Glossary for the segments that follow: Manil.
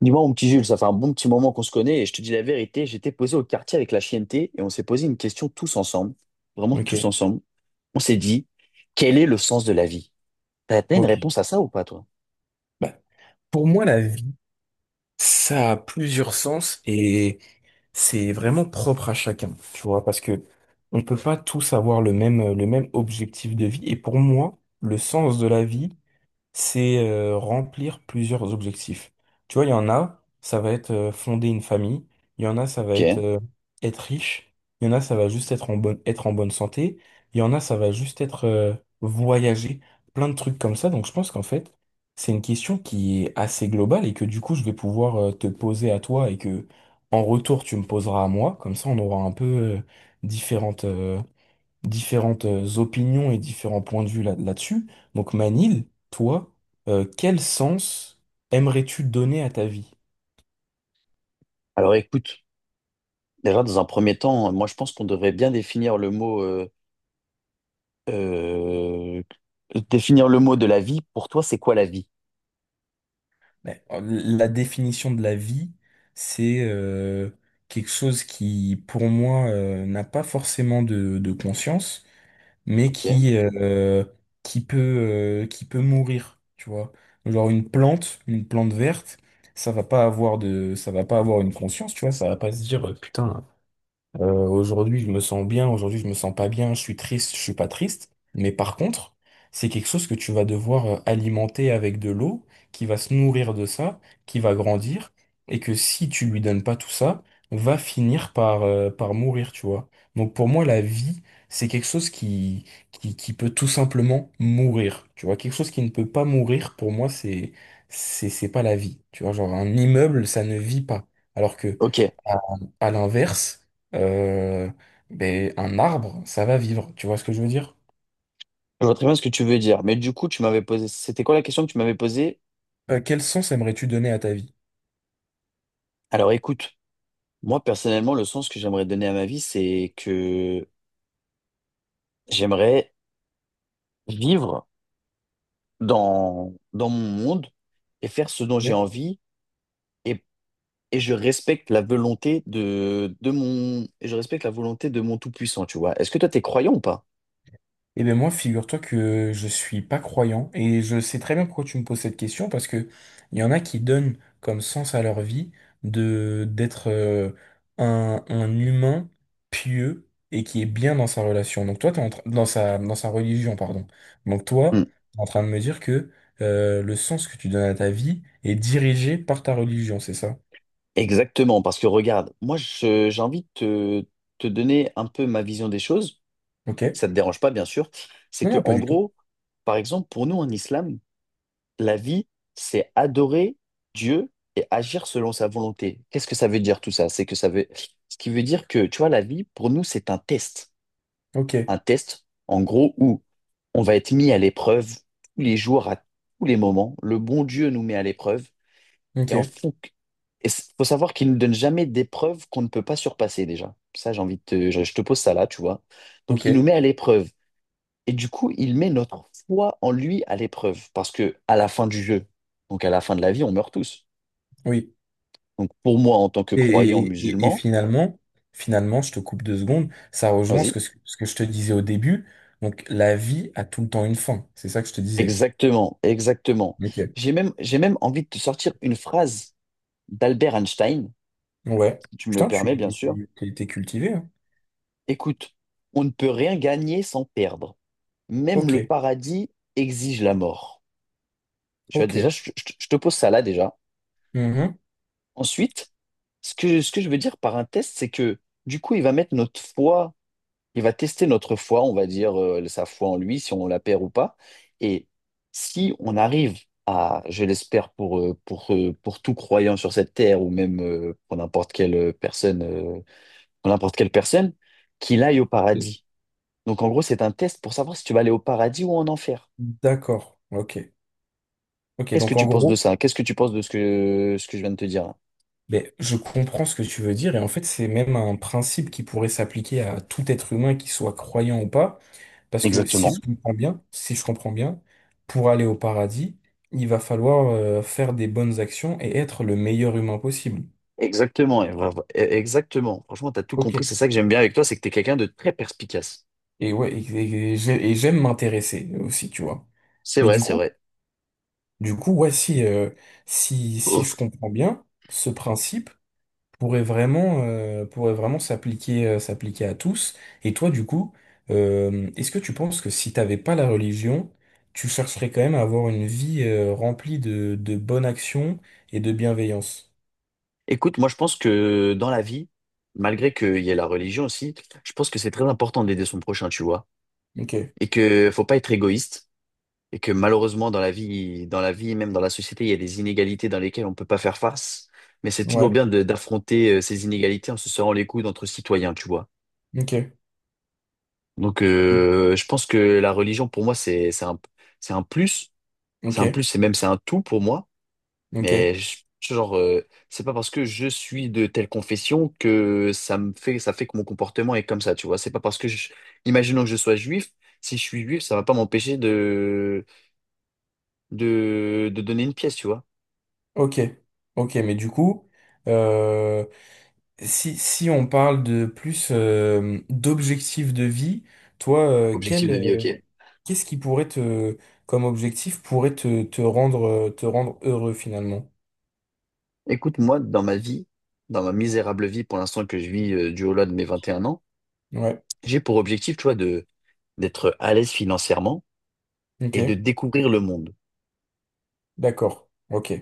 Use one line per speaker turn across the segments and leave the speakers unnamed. Dis-moi, mon petit Jules, ça fait un bon petit moment qu'on se connaît et je te dis la vérité, j'étais posé au quartier avec la chienneté et on s'est posé une question tous ensemble, vraiment
Ok,
tous ensemble. On s'est dit, quel est le sens de la vie? T'as une
ok.
réponse à ça ou pas, toi?
Bah, pour moi, la vie, ça a plusieurs sens et c'est vraiment propre à chacun, tu vois, parce que on peut pas tous avoir le même objectif de vie. Et pour moi, le sens de la vie, c'est remplir plusieurs objectifs. Tu vois, il y en a, ça va être fonder une famille, il y en a, ça va être
Ok.
être riche, il y en a, ça va juste être en être en bonne santé, il y en a, ça va juste être voyager, plein de trucs comme ça. Donc je pense qu'en fait, c'est une question qui est assez globale et que du coup, je vais pouvoir te poser à toi et que en retour, tu me poseras à moi. Comme ça, on aura un peu différentes, euh, différentes opinions et différents points de vue là-dessus. Donc Manil, toi, quel sens aimerais-tu donner à ta vie?
Alors écoute, déjà dans un premier temps, moi je pense qu'on devrait bien euh, définir le mot de la vie. Pour toi, c'est quoi la vie?
La définition de la vie, c'est quelque chose qui, pour moi, n'a pas forcément de conscience, mais
Ok.
qui peut, qui peut mourir, tu vois. Genre une une plante verte, ça va pas avoir ça va pas avoir une conscience, tu vois, ça va pas se dire, putain, aujourd'hui, je me sens bien, aujourd'hui, je me sens pas bien, je suis triste, je suis pas triste. Mais par contre, c'est quelque chose que tu vas devoir alimenter avec de l'eau, qui va se nourrir de ça, qui va grandir, et que si tu lui donnes pas tout ça, va finir par mourir, tu vois. Donc pour moi, la vie, c'est quelque chose qui peut tout simplement mourir, tu vois. Quelque chose qui ne peut pas mourir, pour moi, c'est pas la vie, tu vois. Genre, un immeuble, ça ne vit pas. Alors que,
Ok.
à à l'inverse, euh, un arbre, ça va vivre. Tu vois ce que je veux dire?
Je vois très bien ce que tu veux dire, mais du coup, tu m'avais posé, c'était quoi la question que tu m'avais posée?
Quel sens aimerais-tu donner à ta vie?
Alors écoute. Moi, personnellement, le sens que j'aimerais donner à ma vie, c'est que j'aimerais vivre dans mon monde et faire ce dont j'ai
Ok.
envie et, et je respecte la volonté de mon tout-puissant, tu vois. Est-ce que toi, t'es croyant ou pas?
Eh bien moi, figure-toi que je suis pas croyant et je sais très bien pourquoi tu me poses cette question parce que il y en a qui donnent comme sens à leur vie de d'être un humain pieux et qui est bien dans sa relation. Donc toi, t'es en train- Dans sa dans sa religion, pardon. Donc
Hmm.
toi, t'es en train de me dire que le sens que tu donnes à ta vie est dirigé par ta religion, c'est ça?
Exactement, parce que regarde, moi, j'ai envie de te donner un peu ma vision des choses.
Ok?
Ça te dérange pas, bien sûr. C'est
Non,
que,
non, pas
en
du tout.
gros, par exemple, pour nous en islam, la vie, c'est adorer Dieu et agir selon sa volonté. Qu'est-ce que ça veut dire tout ça? C'est que ça veut, ce qui veut dire que, tu vois, la vie, pour nous, c'est un test.
Ok,
Un test, en gros, où on va être mis à l'épreuve tous les jours, à tous les moments. Le bon Dieu nous met à l'épreuve. Et
ok,
en fou, il faut savoir qu'il ne nous donne jamais d'épreuve qu'on ne peut pas surpasser déjà. Ça, j'ai envie de te, je te pose ça là, tu vois. Donc,
ok,
il nous met à l'épreuve. Et du coup, il met notre foi en lui à l'épreuve, parce que à la fin du jeu, donc à la fin de la vie, on meurt tous.
oui.
Donc pour moi, en tant que
Et,
croyant
et- et- et
musulman,
finalement, finalement, je te coupe deux secondes, ça rejoint
vas-y,
ce que je te disais au début. Donc, la vie a tout le temps une fin. C'est ça que je te disais.
exactement, exactement.
Ok.
J'ai même envie de te sortir une phrase d'Albert Einstein,
Ouais.
si tu me le
Putain,
permets, bien
tu
sûr.
t'es cultivé, hein.
Écoute, on ne peut rien gagner sans perdre. Même
Ok,
le paradis exige la mort. Tu vois,
ok.
déjà, je te pose ça là déjà.
Mhm.
Ensuite, ce que je veux dire par un test, c'est que du coup, il va tester notre foi, on va dire sa foi en lui, si on la perd ou pas. Et si on arrive à, je l'espère pour tout croyant sur cette terre ou même pour n'importe quelle personne, pour n'importe quelle personne, qu'il aille au paradis. Donc en gros, c'est un test pour savoir si tu vas aller au paradis ou en enfer.
D'accord, ok. Ok,
Qu'est-ce que
donc en
tu penses de
gros,
ça? Qu'est-ce que tu penses de ce que je viens de te dire là?
ben, je comprends ce que tu veux dire, et en fait, c'est même un principe qui pourrait s'appliquer à tout être humain, qu'il soit croyant ou pas. Parce que si je
Exactement.
comprends bien, si je comprends bien, pour aller au paradis, il va falloir faire des bonnes actions et être le meilleur humain possible.
Exactement, et bravo. Exactement. Franchement, tu as tout
Ok.
compris. C'est ça que j'aime bien avec toi, c'est que tu es quelqu'un de très perspicace.
Et ouais, et j'aime m'intéresser aussi, tu vois.
C'est
Mais
vrai, c'est vrai.
du coup, ouais, si, si je comprends bien ce principe, pourrait vraiment s'appliquer, s'appliquer à tous. Et toi, du coup, est-ce que tu penses que si t'avais pas la religion, tu chercherais quand même à avoir une vie, remplie de bonnes actions et de bienveillance?
Écoute, moi je pense que dans la vie, malgré qu'il y ait la religion aussi, je pense que c'est très important d'aider son prochain, tu vois,
Ok,
et que faut pas être égoïste, et que malheureusement dans la vie, même dans la société, il y a des inégalités dans lesquelles on peut pas faire face, mais c'est toujours
ouais,
bien d'affronter ces inégalités en se serrant les coudes entre citoyens, tu vois.
ok,
Donc
oui,
je pense que la religion pour moi c'est un plus,
ok,
c'est un plus, c'est même c'est un tout pour moi.
ok,
Mais genre, c'est pas parce que je suis de telle confession que ça fait que mon comportement est comme ça, tu vois. C'est pas parce que je, imaginons que je sois juif, si je suis juif, ça va pas m'empêcher de, de donner une pièce, tu vois.
ok, ok, mais du coup, euh, si, si on parle de plus, d'objectifs de vie, toi,
Objectif de vie, ok.
qu'est-ce qui pourrait te, comme objectif, te rendre heureux finalement?
Écoute, moi, dans ma vie, dans ma misérable vie pour l'instant que je vis du haut là de mes 21 ans,
Ouais,
j'ai pour objectif, tu vois, de d'être à l'aise financièrement
ok,
et de découvrir le monde.
d'accord, ok.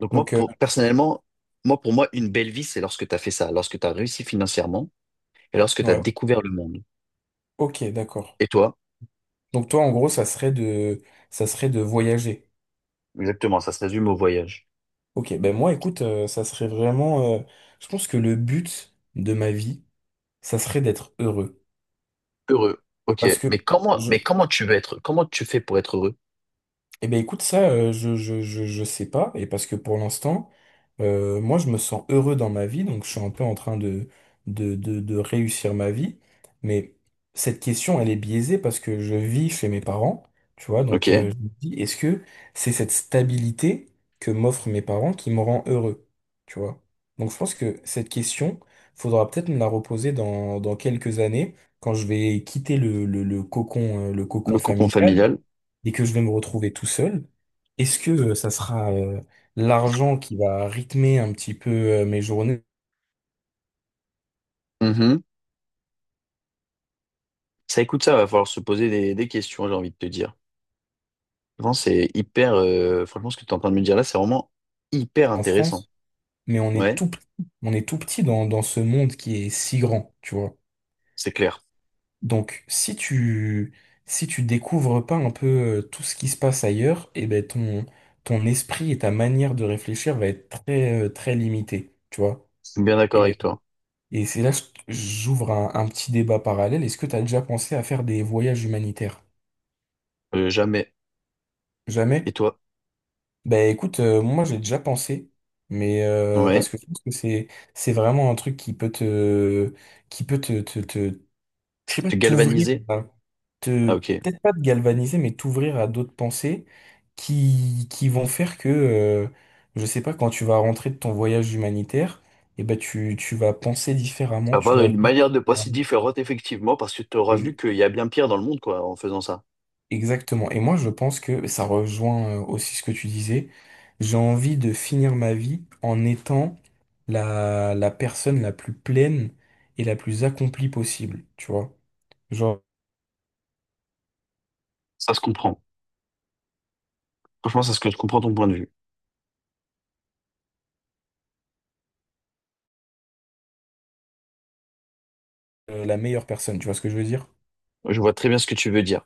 Donc moi,
Donc,
pour, personnellement, moi, pour moi, une belle vie, c'est lorsque tu as fait ça, lorsque tu as réussi financièrement et lorsque tu as
ouais,
découvert le monde.
ok, d'accord.
Et toi,
Donc toi, en gros, ça serait de voyager.
exactement, ça se résume au voyage.
Ok, ben moi, écoute, ça serait vraiment, je pense que le but de ma vie, ça serait d'être heureux.
Heureux. Ok,
Parce que
mais
je,
comment tu veux être, comment tu fais pour être heureux?
Eh ben écoute, ça, je sais pas, et parce que pour l'instant, moi, je me sens heureux dans ma vie, donc je suis un peu en train de réussir ma vie, mais cette question, elle est biaisée parce que je vis chez mes parents, tu vois, donc
Ok,
je me dis, est-ce que c'est cette stabilité que m'offrent mes parents qui me rend heureux, tu vois? Donc je pense que cette question, faudra peut-être me la reposer dans quelques années, quand je vais quitter le
le
cocon
cocon
familial
familial.
et que je vais me retrouver tout seul, est-ce que ça sera l'argent qui va rythmer un petit peu mes journées
Mhm. Ça, écoute, ça va falloir se poser des questions, j'ai envie de te dire. Vraiment, c'est hyper, franchement, ce que tu es en train de me dire là, c'est vraiment hyper
en
intéressant.
France? Mais on est
Ouais,
tout petit, on est tout petit dans ce monde qui est si grand, tu vois.
c'est clair.
Donc si tu si tu découvres pas un peu tout ce qui se passe ailleurs, eh ben ton ton esprit et ta manière de réfléchir va être très très limitée, tu vois.
Je suis bien d'accord
Et,
avec toi.
et c'est là que j'ouvre un petit débat parallèle. Est-ce que tu as déjà pensé à faire des voyages humanitaires?
Jamais. Et
Jamais?
toi?
Ben écoute, moi j'ai déjà pensé, mais parce
Ouais.
que je pense que c'est vraiment un truc qui peut te qui peut te je sais pas
Tu galvanisé?
te
Ah, ok.
peut-être pas te galvaniser, mais t'ouvrir à d'autres pensées qui vont faire que je sais pas quand tu vas rentrer de ton voyage humanitaire, et ben tu tu vas penser différemment, tu
Avoir
vas
une
vivre
manière de penser
différemment.
différente, effectivement, parce que tu auras vu qu'il y a bien pire dans le monde, quoi, en faisant ça.
Exactement. Et moi, je pense que ça rejoint aussi ce que tu disais. J'ai envie de finir ma vie en étant la personne la plus pleine et la plus accomplie possible, tu vois. Genre,
Ça se comprend. Franchement, c'est ce que je comprends ton point de vue.
la meilleure personne, tu vois ce que je veux dire?
Je vois très bien ce que tu veux dire.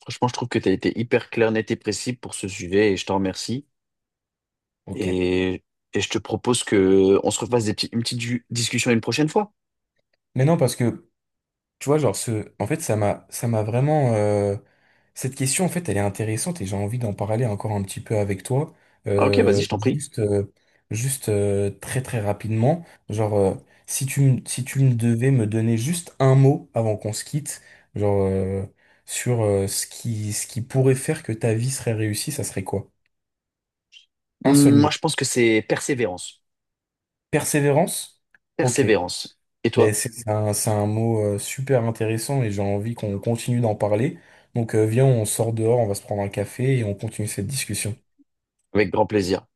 Franchement, je trouve que tu as été hyper clair, net et précis pour ce sujet et je t'en remercie.
Ok.
Et, et je te propose que on se refasse une petite discussion une prochaine fois.
Mais non, parce que tu vois, genre, en fait, ça m'a vraiment, cette question, en fait, elle est intéressante et j'ai envie d'en parler encore un petit peu avec toi.
Ah, ok, vas-y,
Euh,
je t'en prie.
juste euh, juste très très rapidement. Genre, si tu me devais me donner juste un mot avant qu'on se quitte, genre, euh, sur ce qui pourrait faire que ta vie serait réussie, ça serait quoi? Un seul
Moi,
mot.
je pense que c'est persévérance.
Persévérance? Ok.
Persévérance. Et
Ben,
toi?
c'est un mot super intéressant et j'ai envie qu'on continue d'en parler. Donc viens, on sort dehors, on va se prendre un café et on continue cette discussion.
Avec grand plaisir.